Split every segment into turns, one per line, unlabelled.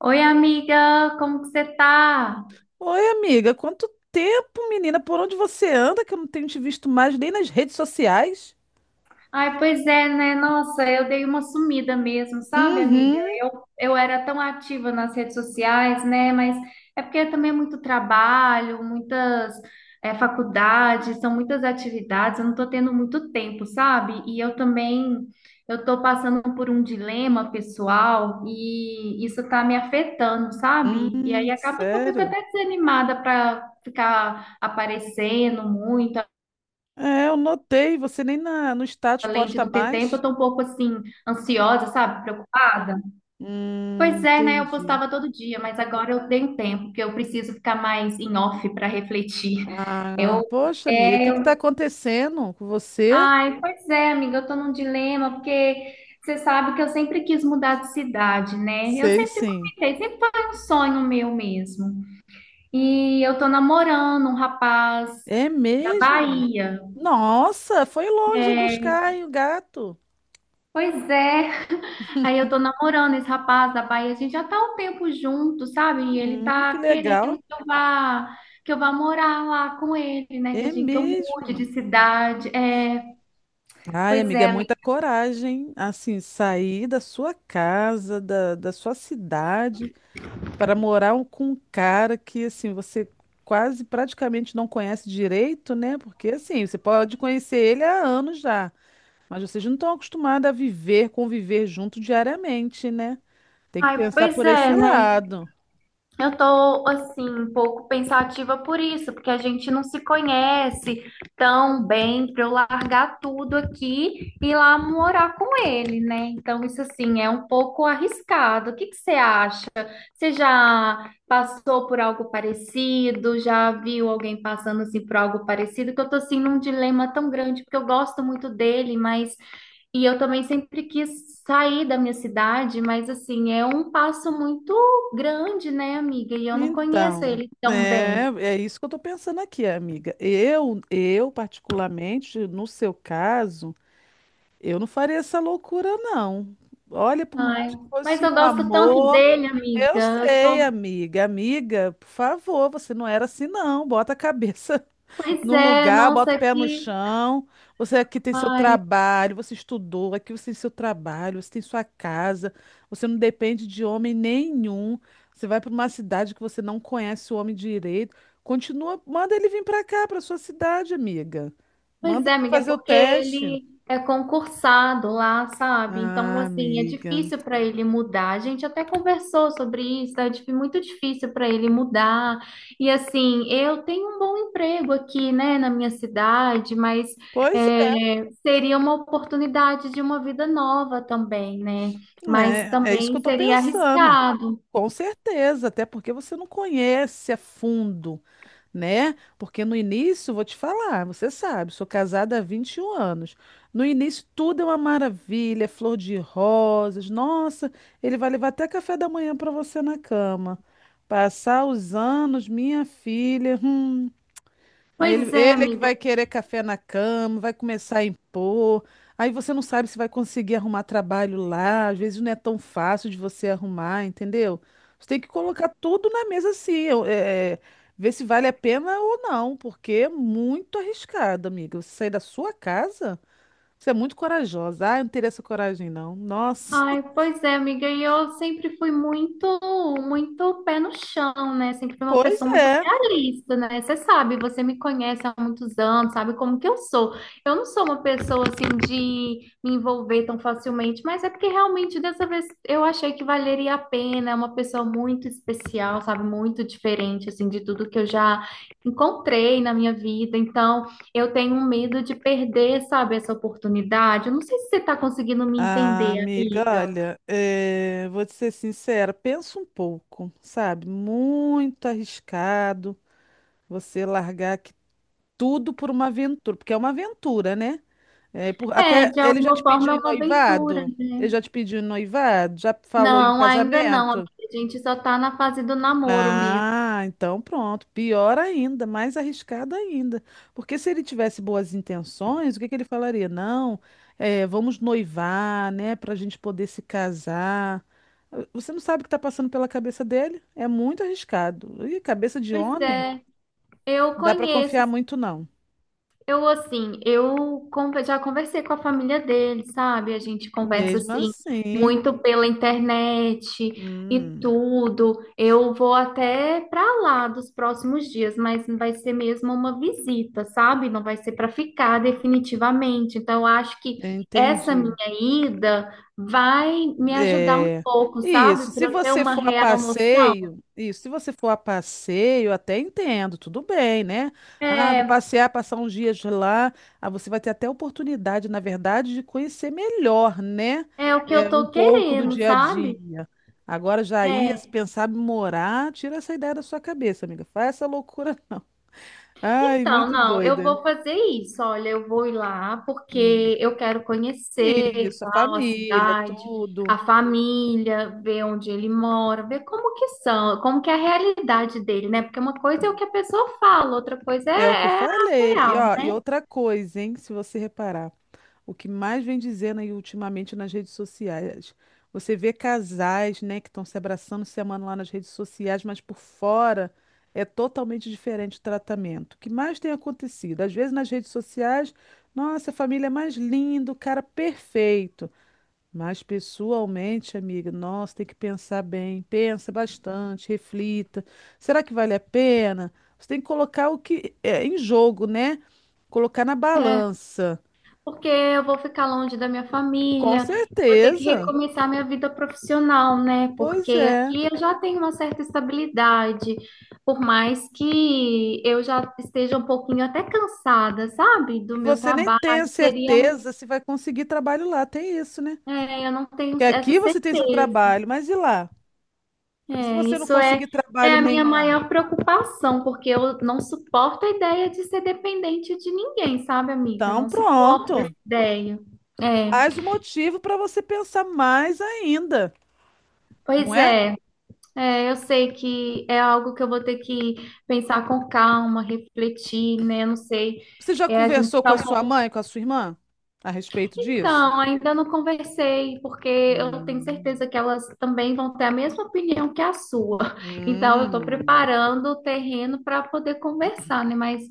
Oi, amiga, como que você tá?
Oi, amiga, quanto tempo, menina? Por onde você anda que eu não tenho te visto mais nem nas redes sociais?
Ai, pois é, né? Nossa, eu dei uma sumida mesmo, sabe, amiga?
Uhum.
Eu era tão ativa nas redes sociais, né? Mas é porque também é muito trabalho, muitas faculdades, são muitas atividades, eu não tô tendo muito tempo, sabe? E eu também, eu tô passando por um dilema pessoal e isso tá me afetando, sabe? E aí acaba que eu fico
Sério?
até desanimada para ficar aparecendo muito.
É, eu notei, você nem no status
Além de
posta
não ter tempo, eu
mais.
tô um pouco assim, ansiosa, sabe? Preocupada. Pois é, né? Eu
Entendi.
postava todo dia, mas agora eu tenho tempo, porque eu preciso ficar mais em off para refletir.
Ah,
Eu,
poxa, amiga, o
é,
que que tá
eu...
acontecendo com você?
Ai, pois é, amiga, eu tô num dilema, porque você sabe que eu sempre quis mudar de cidade, né? Eu
Sei,
sempre
sim.
comentei, sempre foi um sonho meu mesmo. E eu tô namorando um rapaz
É
da
mesmo?
Bahia.
Nossa, foi longe
É,
buscar aí o gato.
pois é. Aí eu tô namorando esse rapaz da Bahia, a gente já tá um tempo junto, sabe? E ele
Que
tá querendo
legal.
que eu vá morar lá com ele, né? Que a
É
gente, que eu mude
mesmo?
de cidade. É,
Ai,
pois
amiga, é
é,
muita
amiga.
coragem, assim, sair da sua casa, da sua cidade, para morar um- com um cara que, assim, você quase praticamente não conhece direito, né? Porque, assim, você pode conhecer ele há anos já, mas vocês não estão acostumados a viver, conviver junto diariamente, né? Tem que
Ai,
pensar
pois
por esse
é, né?
lado.
Eu tô, assim, um pouco pensativa por isso, porque a gente não se conhece tão bem para eu largar tudo aqui e ir lá morar com ele, né? Então, isso, assim, é um pouco arriscado. O que que você acha? Você já passou por algo parecido? Já viu alguém passando, assim, por algo parecido? Que eu tô, assim, num dilema tão grande, porque eu gosto muito dele, mas e eu também sempre quis sair da minha cidade, mas assim, é um passo muito grande, né, amiga? E eu não conheço
Então,
ele tão
é,
bem.
é isso que eu tô pensando aqui, amiga. Eu particularmente, no seu caso. Eu não faria essa loucura, não. Olha, por mais
Ai,
que
mas
fosse
eu
um
gosto tanto
amor,
dele, amiga.
eu
Eu
sei,
sou...
amiga. Amiga, por favor, você não era assim, não. Bota a cabeça
Pois
no
é,
lugar, bota o
nossa,
pé no
que.
chão. Você aqui tem seu
Ai,
trabalho, você estudou, aqui você tem seu trabalho, você tem sua casa, você não depende de homem nenhum. Você vai para uma cidade que você não conhece o homem direito. Continua, manda ele vir para cá, para sua cidade, amiga.
pois
Manda
é,
ele
amiga, é
fazer o
porque
teste.
ele é concursado lá, sabe? Então,
Ah,
assim, é
amiga.
difícil para ele mudar. A gente até conversou sobre isso, é muito difícil para ele mudar. E, assim, eu tenho um bom emprego aqui, né, na minha cidade, mas
Pois
é, seria uma oportunidade de uma vida nova também, né? Mas
é, é, é isso que eu
também
tô
seria
pensando.
arriscado.
Com certeza, até porque você não conhece a fundo, né? Porque no início, vou te falar, você sabe, sou casada há 21 anos. No início tudo é uma maravilha, é flor de rosas. Nossa, ele vai levar até café da manhã para você na cama. Passar os anos, minha filha. Aí ele,
Pois é,
ele é que
amiga.
vai querer café na cama, vai começar a impor. Aí você não sabe se vai conseguir arrumar trabalho lá. Às vezes não é tão fácil de você arrumar, entendeu? Você tem que colocar tudo na mesa assim, eu- é, é, ver se vale a pena ou não, porque é muito arriscado, amiga. Você sair da sua casa, você é muito corajosa. Ah, eu não teria essa coragem, não. Nossa.
Ai, pois é, amiga, e eu sempre fui muito pé no chão, né? Sempre fui uma
Pois
pessoa muito
é.
realista, né? Você sabe, você me conhece há muitos anos, sabe como que eu sou. Eu não sou uma pessoa assim de me envolver tão facilmente, mas é porque realmente dessa vez eu achei que valeria a pena, é uma pessoa muito especial, sabe? Muito diferente assim de tudo que eu já encontrei na minha vida. Então, eu tenho um medo de perder, sabe, essa oportunidade. Eu não sei se você está conseguindo me
Ah,
entender,
amiga,
amiga.
olha, vou te ser sincera, pensa um pouco, sabe? Muito arriscado você largar aqui tudo por uma aventura, porque é uma aventura, né? É, por-
É,
até
de
ele já te
alguma
pediu
forma é
em
uma aventura,
noivado? Ele
né?
já te pediu em noivado? Já falou em
Não, ainda não, amiga.
casamento?
A gente só tá na fase do namoro mesmo.
Ah, então pronto. Pior ainda, mais arriscado ainda. Porque se ele tivesse boas intenções, o que que ele falaria? Não, vamos noivar, né, para a gente poder se casar. Você não sabe o que está passando pela cabeça dele? É muito arriscado. E cabeça de
Pois
homem,
é, eu
não dá para
conheço.
confiar muito, não.
Eu, assim, já conversei com a família dele, sabe? A gente conversa,
Mesmo
assim,
assim,
muito pela internet e
hum,
tudo. Eu vou até para lá dos próximos dias, mas vai ser mesmo uma visita, sabe? Não vai ser para ficar definitivamente. Então, eu acho que
eu
essa minha
entendi.
ida vai me ajudar um
É,
pouco,
isso.
sabe?
Se
Para eu ter
você
uma
for a
real noção.
passeio, isso. Se você for a passeio, até entendo, tudo bem, né? Ah, vou
É,
passear, passar uns dias lá. Ah, você vai ter até oportunidade, na verdade, de conhecer melhor, né?
é o que eu
É, um
tô
pouco do
querendo,
dia a
sabe?
dia. Agora já ia se
É.
pensar em morar, tira essa ideia da sua cabeça, amiga. Faz essa loucura, não. Ai,
Então,
muito
não, eu
doida.
vou fazer isso. Olha, eu vou ir lá
Hum.
porque eu quero conhecer e
Isso, a
tal a
família,
cidade,
tudo.
a família, ver onde ele mora, ver como que são, como que é a realidade dele, né? Porque uma coisa é o que a pessoa fala, outra coisa
É o que eu
é, a
falei. E,
real,
ó, e outra coisa, hein? Se você reparar, o que mais vem dizendo aí ultimamente nas redes sociais, você vê casais, né, que estão se abraçando, se amando lá nas redes sociais, mas por fora é totalmente diferente o tratamento. O que mais tem acontecido? Às vezes nas redes sociais, nossa, a família é mais linda, o cara perfeito. Mas pessoalmente, amiga, nossa, tem que pensar bem, pensa bastante, reflita. Será que vale a pena? Você tem que colocar o que é em jogo, né? Colocar na
né?
balança.
Porque eu vou ficar longe da minha
Com
família e vou ter que
certeza.
recomeçar minha vida profissional, né?
Pois
Porque
é.
aqui eu já tenho uma certa estabilidade, por mais que eu já esteja um pouquinho até cansada, sabe?
E
Do meu
você nem
trabalho,
tem a
seria um,
certeza se vai conseguir trabalho lá, tem isso, né?
é, eu não tenho
Que
essa
aqui você tem seu
certeza.
trabalho, mas e lá? E se
É,
você não
isso é,
conseguir
é
trabalho
a minha
nenhum,
maior preocupação, porque eu não suporto a ideia de ser dependente de ninguém, sabe, amiga? Eu
então
não suporto essa
pronto.
ideia. É,
Mais um motivo para você pensar mais ainda, não
pois
é?
é. É, eu sei que é algo que eu vou ter que pensar com calma, refletir, né? Eu não sei.
Você já
É, a gente
conversou com
tá
a
um
sua
pouco.
mãe, com a sua irmã a respeito disso?
Então, ainda não conversei, porque eu tenho
Hum.
certeza que elas também vão ter a mesma opinião que a sua. Então, eu estou
Hum,
preparando o terreno para poder conversar, né? Mas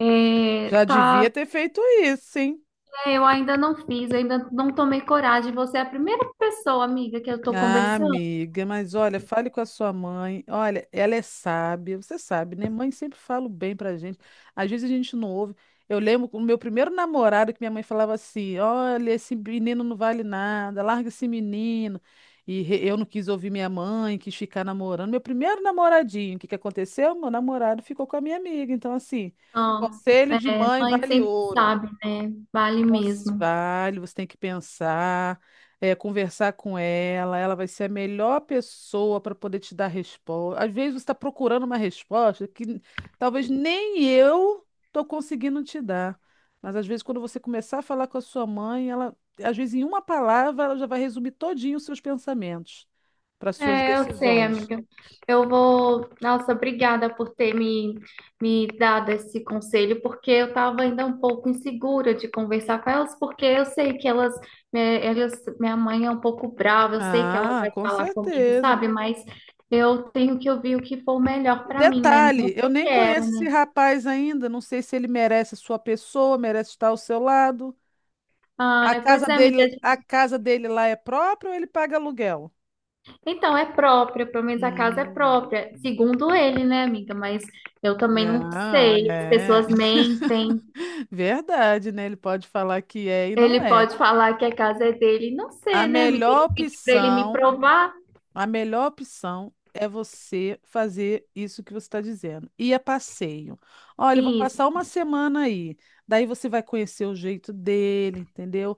é,
já
tá,
devia ter feito isso, hein?
eu ainda não tomei coragem. Você é a primeira pessoa, amiga, que eu estou
Ah,
conversando.
amiga, mas olha, fale com a sua mãe. Olha, ela é sábia, você sabe, né? Mãe sempre fala o bem pra gente. Às vezes a gente não ouve. Eu lembro o meu primeiro namorado que minha mãe falava assim: olha, esse menino não vale nada, larga esse menino. E re- eu não quis ouvir minha mãe, quis ficar namorando. Meu primeiro namoradinho, o que que aconteceu? Meu namorado ficou com a minha amiga. Então, assim, conselho de
É,
mãe
mãe
vale
sempre
ouro.
sabe, né? Vale
Cons-
mesmo.
vale, você tem que pensar, é, conversar com ela, ela vai ser a melhor pessoa para poder te dar resposta. Às vezes você está procurando uma resposta que n- talvez nem eu estou conseguindo te dar. Mas às vezes quando você começar a falar com a sua mãe, ela, às vezes em uma palavra, ela já vai resumir todinho os seus pensamentos para suas
É, eu sei,
decisões.
amiga. Eu vou. Nossa, obrigada por ter me dado esse conselho, porque eu estava ainda um pouco insegura de conversar com elas, porque eu sei que elas, minha mãe é um pouco brava, eu sei que ela
Ah,
vai
com
falar comigo,
certeza.
sabe? Mas eu tenho que ouvir o que for melhor
E
para mim, né? Não o
detalhe,
que
eu
eu
nem
quero,
conheço esse
né?
rapaz ainda, não sei se ele merece a sua pessoa, merece estar ao seu lado.
Ah, pois é, amiga.
A casa dele lá é própria ou ele paga aluguel?
Então, é própria, pelo menos a casa é
Hum.
própria, segundo ele, né, amiga? Mas eu também
É,
não
ah,
sei, as
é.
pessoas mentem.
Verdade, né? Ele pode falar que é e
Ele
não é.
pode falar que a casa é dele. Não
A
sei, né, amiga? Eu
melhor
não pedi pra ele me
opção,
provar
a melhor opção é você fazer isso que você está dizendo. Ir a passeio. Olha, eu vou
isso.
passar uma semana aí. Daí você vai conhecer o jeito dele, entendeu?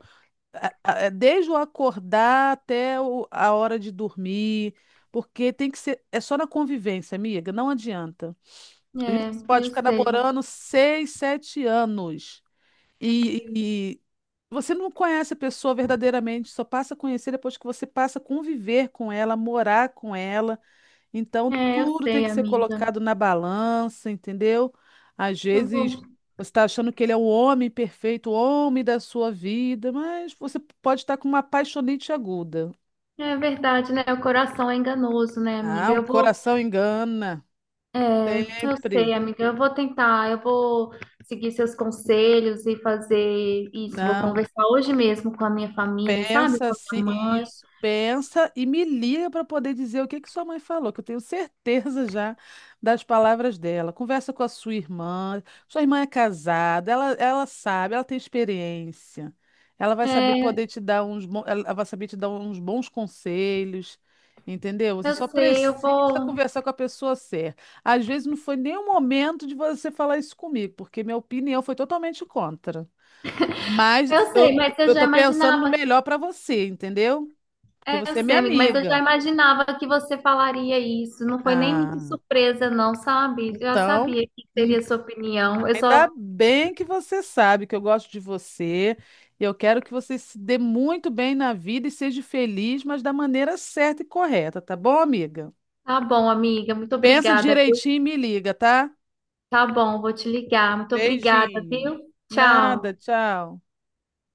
A- é, desde o acordar até o- a hora de dormir, porque tem que ser, é só na convivência, amiga, não adianta. Às vezes
É,
você pode
eu
ficar
sei.
namorando 6, 7 anos e você não conhece a pessoa verdadeiramente, só passa a conhecer depois que você passa a conviver com ela, morar com ela. Então,
É, eu
tudo tem
sei,
que ser
amiga.
colocado na balança, entendeu? Às
Eu vou.
vezes, você está achando que ele é o homem perfeito, o homem da sua vida, mas você pode estar com uma apaixonite aguda.
É verdade, né? O coração é enganoso, né,
Ah,
amiga?
o
Eu vou.
coração engana,
É, eu sei,
sempre.
amiga. Eu vou tentar. Eu vou seguir seus conselhos e fazer isso. Vou
Não.
conversar hoje mesmo com a minha família, sabe?
Pensa
Com a
assim,
minha mãe.
isso, pensa e me liga para poder dizer o que que sua mãe falou, que eu tenho certeza já das palavras dela. Conversa com a sua irmã. Sua irmã é casada, ela sabe, ela tem experiência. Ela vai saber
É,
poder te dar uns bons, ela vai saber te dar uns bons conselhos, entendeu? Você
eu
só
sei. Eu
precisa
vou.
conversar com a pessoa certa. Às vezes não foi nem o momento de você falar isso comigo, porque minha opinião foi totalmente contra. Mas
Eu sei, mas eu
eu
já
tô pensando no
imaginava.
melhor pra você, entendeu? Porque
É, eu
você é minha
sei, amigo, mas eu já
amiga.
imaginava que você falaria isso. Não foi nem muito
Ah,
surpresa, não, sabe? Eu já
então,
sabia que
hum,
seria sua opinião. Eu
ainda
só.
bem que você sabe que eu gosto de você. Eu quero que você se dê muito bem na vida e seja feliz, mas da maneira certa e correta, tá bom, amiga?
Tá bom, amiga, muito
Pensa
obrigada, viu?
direitinho e me liga, tá?
Tá bom, vou te ligar. Muito obrigada,
Beijinho.
viu?
Nada,
Tchau.
tchau.